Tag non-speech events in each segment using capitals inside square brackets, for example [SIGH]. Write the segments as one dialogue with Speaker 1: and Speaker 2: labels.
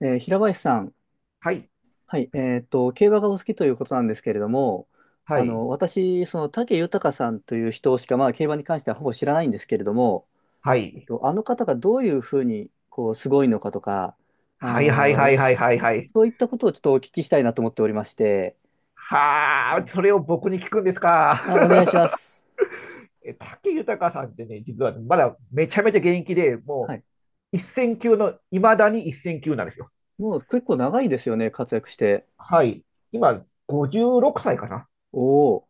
Speaker 1: 平林さん、
Speaker 2: はい、
Speaker 1: はい、競馬がお好きということなんですけれども、
Speaker 2: はい、
Speaker 1: 私、武豊さんという人しか、競馬に関してはほぼ知らないんですけれども、
Speaker 2: はい、
Speaker 1: あの方がどういうふうに、すごいのかとか、あ
Speaker 2: はい、はい、
Speaker 1: ー、
Speaker 2: はい、はい、
Speaker 1: そ
Speaker 2: はい、はい。
Speaker 1: そういったことをちょっとお聞きしたいなと思っておりまして、
Speaker 2: はあ、
Speaker 1: あ、
Speaker 2: それを僕に聞くんですか。
Speaker 1: あお願いしま
Speaker 2: [LAUGHS]
Speaker 1: す。
Speaker 2: 武豊さんってね、実はねまだめちゃめちゃ現役で、
Speaker 1: は
Speaker 2: も
Speaker 1: い。
Speaker 2: う一線級の、いまだに一線級なんですよ。
Speaker 1: もう結構長いですよね、活躍して。
Speaker 2: はい。今、56歳かな。
Speaker 1: おお、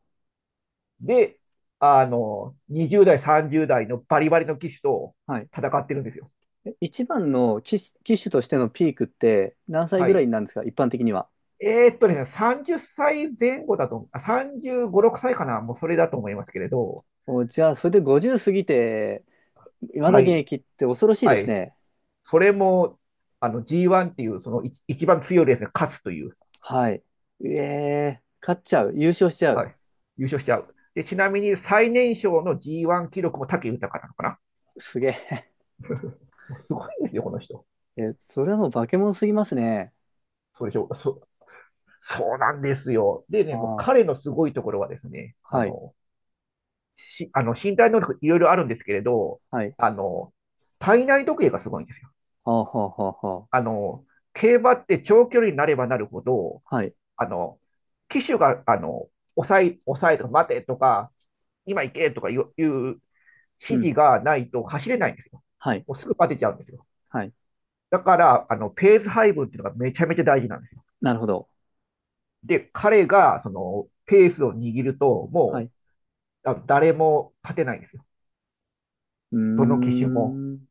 Speaker 2: で、20代、30代のバリバリの騎手と
Speaker 1: はい。
Speaker 2: 戦ってるんですよ。
Speaker 1: え一番の騎手、騎手としてのピークって何歳
Speaker 2: は
Speaker 1: ぐらい
Speaker 2: い。
Speaker 1: なんですか、一般的には。
Speaker 2: 30歳前後だと、35、6歳かな、もうそれだと思いますけれど、
Speaker 1: お、じゃあ、それで50過ぎて、まだ
Speaker 2: は
Speaker 1: 現
Speaker 2: い。
Speaker 1: 役って恐ろしい
Speaker 2: は
Speaker 1: です
Speaker 2: い。
Speaker 1: ね。
Speaker 2: それも、G1 っていうその一番強いレースに勝つという、
Speaker 1: はい。ええ勝っちゃう。優勝しちゃ
Speaker 2: は
Speaker 1: う。
Speaker 2: い、優勝しちゃう。で、ちなみに最年少の G1 記録も武豊なのかな。
Speaker 1: すげえ。
Speaker 2: もうすごいんですよ、この人。
Speaker 1: [LAUGHS] え、それはもう化け物すぎますね。
Speaker 2: そうでしょうそそうなんですよ。で
Speaker 1: あ
Speaker 2: ね、もう
Speaker 1: あ、は
Speaker 2: 彼のすごいところはですね、
Speaker 1: い、
Speaker 2: あの身体能力いろいろあるんですけれど、
Speaker 1: はい。
Speaker 2: あの、体内時計がすごいんですよ。
Speaker 1: はあ、はあ、はあ、は
Speaker 2: あの、競馬って長距離になればなるほど、
Speaker 1: あ。はい。
Speaker 2: あの、機種が、抑えとか、待てとか、今行けとかいう
Speaker 1: う
Speaker 2: 指
Speaker 1: ん。
Speaker 2: 示がないと走れないんですよ。
Speaker 1: はい、
Speaker 2: もうすぐバテちゃうんですよ。
Speaker 1: はい。
Speaker 2: だから、ペース配分っていうのがめちゃめちゃ大事なんですよ。
Speaker 1: なるほど。
Speaker 2: で、彼が、その、ペースを握ると、
Speaker 1: は
Speaker 2: も
Speaker 1: い。
Speaker 2: う、あの誰も勝てないんですよ。
Speaker 1: うー
Speaker 2: どの機種も。
Speaker 1: ん。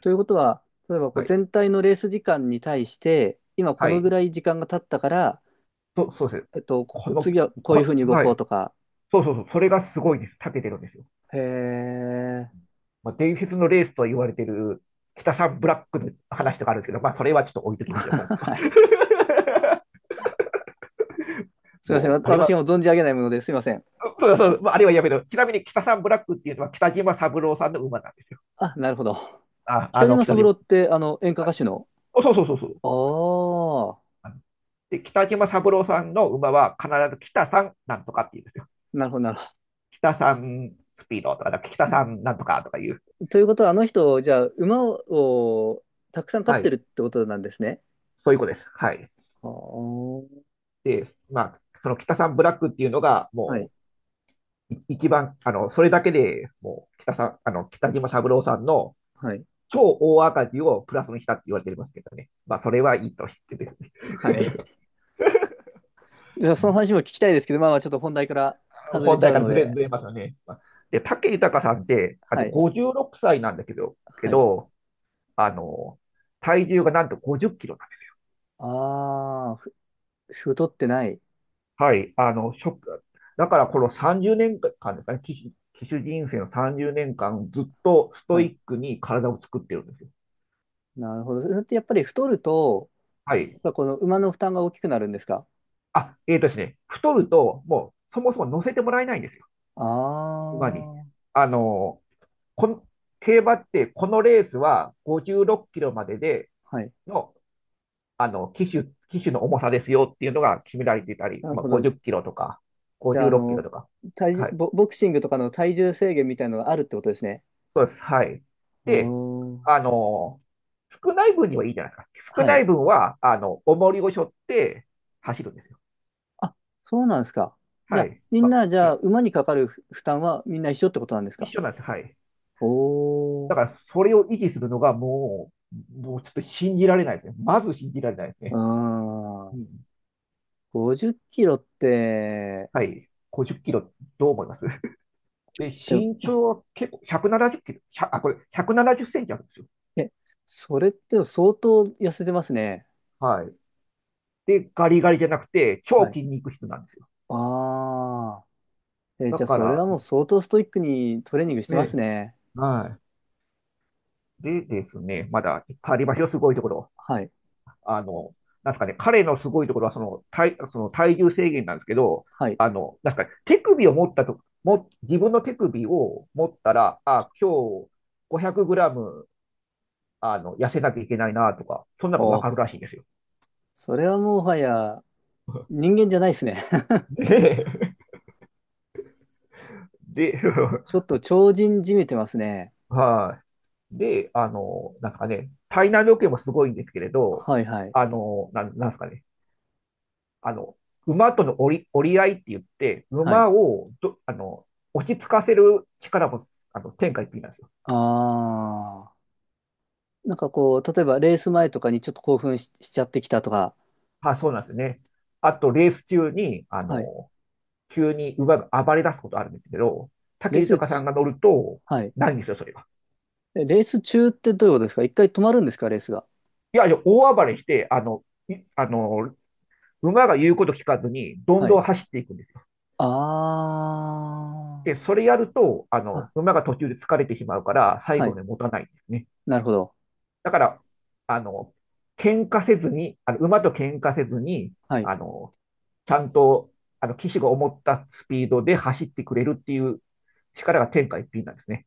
Speaker 1: ということは、例えばこ
Speaker 2: は
Speaker 1: う
Speaker 2: い。
Speaker 1: 全体のレース時間に対して、今こ
Speaker 2: は
Speaker 1: のぐ
Speaker 2: い。
Speaker 1: らい時間が経ったから、
Speaker 2: そうです。
Speaker 1: こ
Speaker 2: この、
Speaker 1: 次はこういうふ
Speaker 2: こ、
Speaker 1: うに動
Speaker 2: は
Speaker 1: こう
Speaker 2: い。
Speaker 1: とか。
Speaker 2: そうそうそう。それがすごいです。長けてるんですよ。
Speaker 1: へえ。
Speaker 2: まあ、伝説のレースと言われている北さんブラックの話とかあるんですけど、まあ、それはちょっと置いときましょう、今
Speaker 1: [LAUGHS]
Speaker 2: 回
Speaker 1: はい。
Speaker 2: は。[LAUGHS]
Speaker 1: すいません。
Speaker 2: も
Speaker 1: わ
Speaker 2: う、あれ
Speaker 1: 私
Speaker 2: は、
Speaker 1: がもう存じ上げないものですいません。
Speaker 2: そうそう、まあ、あれはやめろ。ちなみに北さんブラックっていうのは北島三郎さんの馬なんですよ。
Speaker 1: あ、なるほど。北島
Speaker 2: 北
Speaker 1: 三郎
Speaker 2: 島。
Speaker 1: って、演歌歌手の。
Speaker 2: おそうそうそうそう。
Speaker 1: あ
Speaker 2: で、北島三郎さんの馬は必ず北さんなんとかって言うんですよ。
Speaker 1: あ、なるほど、なるほ
Speaker 2: 北さんスピードとか、北さんなんとかとかいう。
Speaker 1: ど。ということは、あの人、じゃあ、馬をたくさん飼っ
Speaker 2: は
Speaker 1: てる
Speaker 2: い。
Speaker 1: ってことなんですね。
Speaker 2: そういうことです。はい。
Speaker 1: ああ、
Speaker 2: で、まあ、その北さんブラックっていうのが、
Speaker 1: はい、
Speaker 2: もう、一番、それだけでもう北さん、北島三郎さんの
Speaker 1: はい、
Speaker 2: 超大赤字をプラスにしたって言われてますけどね。まあ、それはいいとしてですね。
Speaker 1: はい。じゃあ、
Speaker 2: [LAUGHS] う
Speaker 1: その
Speaker 2: ん。
Speaker 1: 話も聞きたいですけど、まあまあ、ちょっと本題から外れ
Speaker 2: 本
Speaker 1: ちゃ
Speaker 2: 題
Speaker 1: う
Speaker 2: から
Speaker 1: の
Speaker 2: ずれ、
Speaker 1: で。
Speaker 2: ずれますよね。まあで、武豊さんって、あ
Speaker 1: は
Speaker 2: と
Speaker 1: い、
Speaker 2: 56歳なんだけど、
Speaker 1: はい。
Speaker 2: あの、体重がなんと50キロだね。
Speaker 1: ああ、ふ太ってない。
Speaker 2: はい。あの、ショック。だからこの30年間ですかね、騎手人生の30年間ずっとスト
Speaker 1: は
Speaker 2: イ
Speaker 1: い、
Speaker 2: ックに体を作ってるんですよ。
Speaker 1: なるほど。それってやっぱり太ると、
Speaker 2: はい。
Speaker 1: やっぱこの馬の負担が大きくなるんですか？
Speaker 2: あ、えーとですね、太ると、もうそもそも乗せてもらえないんですよ、
Speaker 1: あ
Speaker 2: 馬に。
Speaker 1: あー、
Speaker 2: あのーこん競馬って、このレースは56キロまでで
Speaker 1: はい。
Speaker 2: の、騎手の重さですよっていうのが決められていたり、
Speaker 1: なる
Speaker 2: まあ、
Speaker 1: ほど。
Speaker 2: 50キロとか、
Speaker 1: じゃ
Speaker 2: 56
Speaker 1: あ、
Speaker 2: キロとか。
Speaker 1: 体重、
Speaker 2: はい。
Speaker 1: ボ、ボクシングとかの体重制限みたいなのがあるってことですね。
Speaker 2: そうです。はい。
Speaker 1: お
Speaker 2: で、
Speaker 1: ー
Speaker 2: あのー少ない分にはいいじゃないですか。少
Speaker 1: は
Speaker 2: ない
Speaker 1: い。
Speaker 2: 分は、重りを背負って走るんですよ。
Speaker 1: あ、そうなんですか。じゃ
Speaker 2: は
Speaker 1: あ、
Speaker 2: い。
Speaker 1: みん
Speaker 2: まあ、
Speaker 1: な、じゃ
Speaker 2: は
Speaker 1: あ、
Speaker 2: い。
Speaker 1: 馬にかかる負負担はみんな一緒ってことなんです
Speaker 2: 一
Speaker 1: か。
Speaker 2: 緒なんですはい。
Speaker 1: お
Speaker 2: だから
Speaker 1: ー。
Speaker 2: それを維持するのがもう、もうちょっと信じられないですね。まず信じられないです
Speaker 1: うー
Speaker 2: ね。う
Speaker 1: ん。
Speaker 2: ん、
Speaker 1: 50キロって、
Speaker 2: はい。50キロ、どう思いますで、
Speaker 1: で
Speaker 2: 身
Speaker 1: も、
Speaker 2: 長は結構170キロ、あ、これ170センチあるんですよ。
Speaker 1: え、それって相当痩せてますね。
Speaker 2: はい。で、ガリガリじゃなくて、
Speaker 1: は
Speaker 2: 超
Speaker 1: い。
Speaker 2: 筋肉質なんですよ。
Speaker 1: ああ。え、
Speaker 2: だ
Speaker 1: じゃあ、
Speaker 2: か
Speaker 1: それ
Speaker 2: ら、
Speaker 1: はもう相当ストイックにトレーニングしてます
Speaker 2: ね、
Speaker 1: ね。
Speaker 2: はい。でですね、まだいっぱいありますよ、すごいところ。
Speaker 1: はい。
Speaker 2: あの、なんですかね、彼のすごいところはその体、その体重制限なんですけど、
Speaker 1: はい。
Speaker 2: なんですかね、手首を持ったと、も、自分の手首を持ったら、あ、今日500グラム、痩せなきゃいけないなとか、そんなのが
Speaker 1: お
Speaker 2: わかる
Speaker 1: ー。
Speaker 2: らしいんですよ。
Speaker 1: それはもはや、人間じゃないですね。
Speaker 2: [LAUGHS] で、で、
Speaker 1: [LAUGHS] ち
Speaker 2: [LAUGHS]
Speaker 1: ょっと超人じみてますね。
Speaker 2: はい。で、なんですかね、体内時計もすごいんですけれど、
Speaker 1: はいはい。
Speaker 2: なんですかね、あの、馬との折り、折り合いって言って、
Speaker 1: はい。
Speaker 2: 馬をど、あの、落ち着かせる力も、天下一品なんですよ。
Speaker 1: ああ。なんかこう、例えばレース前とかにちょっと興奮し、しちゃってきたとか。
Speaker 2: あ、そうなんですね。あと、レース中に、
Speaker 1: はい。
Speaker 2: 急に馬が暴れ出すことあるんですけど、
Speaker 1: レ
Speaker 2: 武
Speaker 1: ース
Speaker 2: 豊さん
Speaker 1: ち、
Speaker 2: が乗ると、
Speaker 1: はい。
Speaker 2: ないんですよ、それが。
Speaker 1: えレース中ってどういうことですか？一回止まるんですか？レースが。
Speaker 2: いや、いや大暴れして、あの、いあの、馬が言うこと聞かずに、どん
Speaker 1: は
Speaker 2: ど
Speaker 1: い。
Speaker 2: ん走っていくんですよ。
Speaker 1: あ
Speaker 2: で、それやると、
Speaker 1: あ。あ、
Speaker 2: 馬が途中で疲れてしまうから、最
Speaker 1: は
Speaker 2: 後ま
Speaker 1: い。
Speaker 2: で持たないんですね。
Speaker 1: なるほど。
Speaker 2: だから、あの、喧嘩せずに、あの、馬と喧嘩せずに、
Speaker 1: はい。
Speaker 2: あの、ちゃんと、騎手が思ったスピードで走ってくれるっていう力が天下一品なんですね。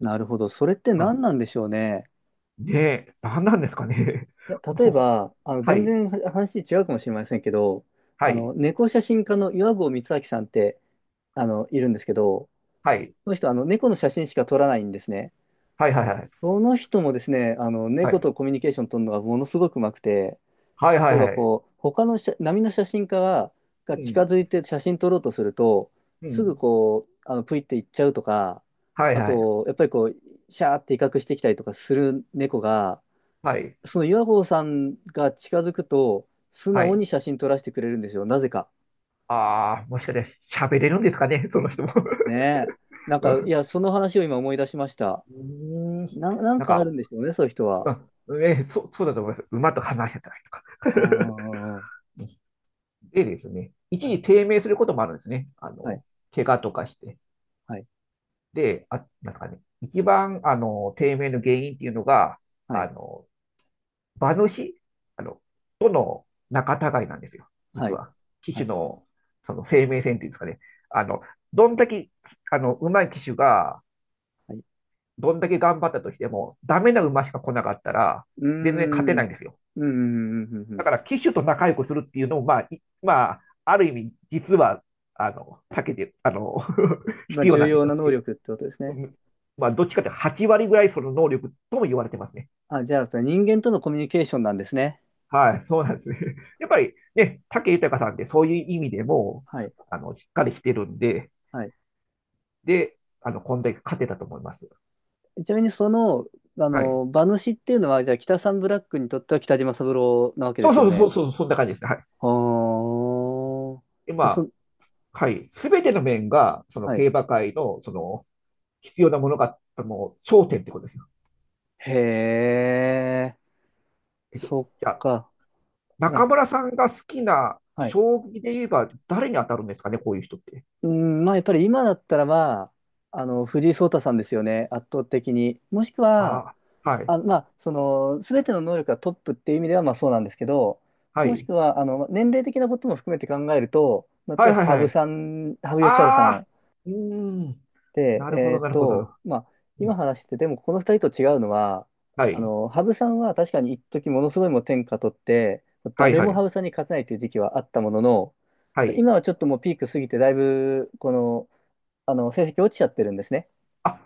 Speaker 1: なるほど。それって
Speaker 2: うん。
Speaker 1: 何なんでしょうね。
Speaker 2: で、何なんですかね。
Speaker 1: いや、
Speaker 2: [LAUGHS]
Speaker 1: 例え
Speaker 2: もう、
Speaker 1: ば、
Speaker 2: は
Speaker 1: 全
Speaker 2: い、
Speaker 1: 然話違うかもしれませんけど、
Speaker 2: はい、
Speaker 1: 猫写真家の岩合光昭さんって、いるんですけど、
Speaker 2: はい、
Speaker 1: その人、猫の写真しか撮らないんですね。
Speaker 2: はい、はい、はい、
Speaker 1: その人もですね、
Speaker 2: は
Speaker 1: 猫とコミュニケーション取るのがものすごくうまくて、
Speaker 2: い、はい、は
Speaker 1: 例え
Speaker 2: い、
Speaker 1: ば
Speaker 2: はい、
Speaker 1: こう、他の写波の写真家が、
Speaker 2: う
Speaker 1: が近
Speaker 2: ん、
Speaker 1: づいて写真撮ろうとすると、
Speaker 2: う
Speaker 1: すぐ
Speaker 2: ん、
Speaker 1: こう、プイって行っちゃうとか、
Speaker 2: はい、
Speaker 1: あ
Speaker 2: はい、
Speaker 1: と、やっぱりこう、シャーって威嚇してきたりとかする猫が、
Speaker 2: はい、
Speaker 1: その岩合さんが近づくと、素
Speaker 2: は
Speaker 1: 直
Speaker 2: い。
Speaker 1: に写真撮らせてくれるんですよ、なぜか。
Speaker 2: ああ、もしかして喋れるんですかね、その人も。
Speaker 1: ねえ。なん
Speaker 2: [LAUGHS]
Speaker 1: か、い
Speaker 2: う
Speaker 1: や、その話を今思い出しました。
Speaker 2: ん、うーん。
Speaker 1: な、なん
Speaker 2: なん
Speaker 1: かある
Speaker 2: か、
Speaker 1: んでしょうね、そういう人は。
Speaker 2: あ、ね、そうだと思います。馬と離れたりとか。
Speaker 1: ああ、
Speaker 2: [LAUGHS]
Speaker 1: は
Speaker 2: でですね、一
Speaker 1: い、
Speaker 2: 時低迷することもあるんですね。
Speaker 1: はい、
Speaker 2: 怪我とかして。
Speaker 1: はい、
Speaker 2: で、なんですかね、一番、低迷の原因っていうのが、
Speaker 1: は
Speaker 2: あ
Speaker 1: い、
Speaker 2: の、馬主、あの、との仲違いなんですよ。
Speaker 1: は
Speaker 2: 実
Speaker 1: い、
Speaker 2: は。騎
Speaker 1: は
Speaker 2: 手
Speaker 1: い。
Speaker 2: の、その生命線っていうんですかね。あの、どんだけ、上手い騎手が、
Speaker 1: はい
Speaker 2: どんだけ頑張ったとしても、ダメな馬しか来なかったら、
Speaker 1: うー
Speaker 2: 全然勝て
Speaker 1: ん、う
Speaker 2: ない
Speaker 1: ん、
Speaker 2: んですよ。
Speaker 1: うん、うん、うん。う
Speaker 2: だ
Speaker 1: ん
Speaker 2: から機種と仲良くするっていうのも、まあ、ある意味、実は、あの、避けて、あの、[LAUGHS]
Speaker 1: まあ、
Speaker 2: 必要
Speaker 1: 重
Speaker 2: なんで
Speaker 1: 要
Speaker 2: す
Speaker 1: な
Speaker 2: よ。
Speaker 1: 能力ってことですね。
Speaker 2: まあ、どっちかって8割ぐらいその能力とも言われてますね。
Speaker 1: あ、じゃあ、人間とのコミュニケーションなんですね。
Speaker 2: はい、そうなんですね。[LAUGHS] やっぱりね、武豊さんってそういう意味でも、
Speaker 1: はい、
Speaker 2: しっかりしてるんで、
Speaker 1: はい。
Speaker 2: で、こんだけ勝てたと思います。
Speaker 1: ちなみに、
Speaker 2: はい。
Speaker 1: 馬主っていうのは、じゃあ、北サンブラックにとっては北島三郎なわけで
Speaker 2: そう
Speaker 1: すよ
Speaker 2: そうそ
Speaker 1: ね。
Speaker 2: うそう、そんな感じですね。はい。
Speaker 1: ああ、
Speaker 2: で、ま
Speaker 1: じゃあ、
Speaker 2: あ、
Speaker 1: そ、
Speaker 2: はい。すべての面が、その
Speaker 1: はい。
Speaker 2: 競馬界の、その、必要なものが、頂点ってことですよ。
Speaker 1: へえ、そ
Speaker 2: じゃ
Speaker 1: っ
Speaker 2: あ、
Speaker 1: か。う
Speaker 2: 中
Speaker 1: ん
Speaker 2: 村さんが好きな
Speaker 1: はい
Speaker 2: 将棋で言えば誰に当たるんですかね、こういう人って。
Speaker 1: うん、まあやっぱり今だったらまあの、藤井聡太さんですよね、圧倒的に。もしくは、
Speaker 2: ああ、はい、
Speaker 1: あ、すべての能力がトップっていう意味ではまあそうなんですけど、
Speaker 2: は
Speaker 1: もし
Speaker 2: い、
Speaker 1: くは、年齢的なことも含めて考えると、まあやっぱ
Speaker 2: は
Speaker 1: り
Speaker 2: い、はい、
Speaker 1: 羽
Speaker 2: は
Speaker 1: 生
Speaker 2: い。
Speaker 1: さん、羽生善治
Speaker 2: あ
Speaker 1: さ
Speaker 2: あ、
Speaker 1: ん
Speaker 2: うーん、
Speaker 1: で、
Speaker 2: なるほど、なるほど。
Speaker 1: まあ、
Speaker 2: う
Speaker 1: 今
Speaker 2: ん
Speaker 1: 話してて、でもこの二人と違うのは、
Speaker 2: はい、
Speaker 1: 羽生さんは確かに一時ものすごいもう天下取って、
Speaker 2: はい、
Speaker 1: 誰
Speaker 2: は
Speaker 1: も
Speaker 2: い、
Speaker 1: 羽生さんに勝てないという時期はあったものの、
Speaker 2: はい。
Speaker 1: 今はちょっともうピーク過ぎて、だいぶ、この、あの、成績落ちちゃってるんですね。
Speaker 2: あ、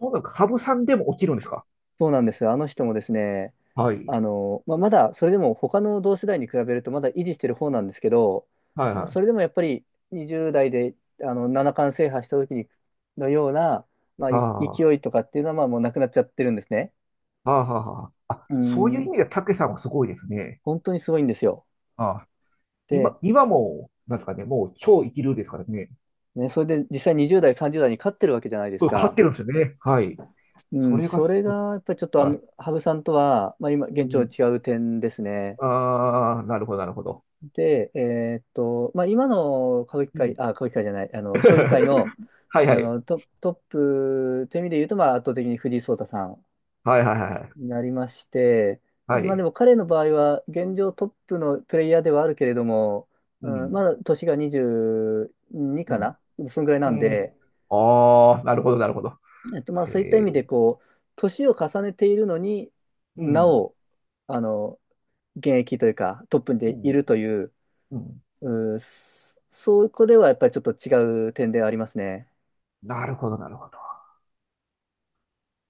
Speaker 2: そうなんか、羽生さんでも落ちるんですか。
Speaker 1: そうなんですよ。あの人もですね、
Speaker 2: はい、
Speaker 1: まあ、まだ、それでも他の同世代に比べるとまだ維持してる方なんですけど、
Speaker 2: はい、
Speaker 1: まあ、
Speaker 2: は
Speaker 1: それで
Speaker 2: い。
Speaker 1: もやっぱり20代で、七冠制覇した時にのような、まあ、
Speaker 2: はあ、
Speaker 1: い
Speaker 2: は
Speaker 1: 勢いとかっていうのは、まあ、もうなくなっちゃってるんですね。
Speaker 2: あ、はあ。あ、
Speaker 1: うー
Speaker 2: そういう意
Speaker 1: ん、
Speaker 2: 味では、たけさんはすごいですね。
Speaker 1: 本当にすごいんですよ。
Speaker 2: ああ、
Speaker 1: で、
Speaker 2: 今、今も、なんですかね、もう超一流ですからね。
Speaker 1: ね、それで実際20代、30代に勝ってるわけじゃないで
Speaker 2: こ
Speaker 1: す
Speaker 2: れ勝っ
Speaker 1: か。
Speaker 2: てるんですよね。はい。
Speaker 1: う
Speaker 2: そ
Speaker 1: ん、
Speaker 2: れが
Speaker 1: それ
Speaker 2: す、
Speaker 1: が、やっぱりちょっと、
Speaker 2: はい。
Speaker 1: 羽生さんとは、まあ、今、
Speaker 2: う
Speaker 1: 現状
Speaker 2: ん。
Speaker 1: 違う点ですね。
Speaker 2: ああ、なるほど、なるほど。
Speaker 1: で、まあ、今の歌舞伎
Speaker 2: う
Speaker 1: 界、
Speaker 2: ん。
Speaker 1: あ、歌舞伎界じゃない、将棋界の、
Speaker 2: [LAUGHS] はいはい。
Speaker 1: ト、トップという意味で言うと、まあ、圧倒的に藤井聡太さん
Speaker 2: はいはいはいはい。
Speaker 1: になりまして、
Speaker 2: は
Speaker 1: まあ、で
Speaker 2: い。
Speaker 1: も彼の場合は、現状トップのプレイヤーではあるけれども、
Speaker 2: う
Speaker 1: うん、ま
Speaker 2: ん。
Speaker 1: だ年が22
Speaker 2: う
Speaker 1: か
Speaker 2: ん。
Speaker 1: な、そのぐらい
Speaker 2: う
Speaker 1: なん
Speaker 2: ん。
Speaker 1: で、
Speaker 2: ああ、なるほど、なるほど。
Speaker 1: まあ、
Speaker 2: へ
Speaker 1: そういった意
Speaker 2: え。
Speaker 1: 味で、こう、年を重ねているのに
Speaker 2: う
Speaker 1: な
Speaker 2: ん。
Speaker 1: お、あの、現役というか、トップ
Speaker 2: う
Speaker 1: でい
Speaker 2: ん。
Speaker 1: るという、
Speaker 2: うん。
Speaker 1: うん、そそこではやっぱりちょっと違う点ではありますね。
Speaker 2: なるほど、なるほど。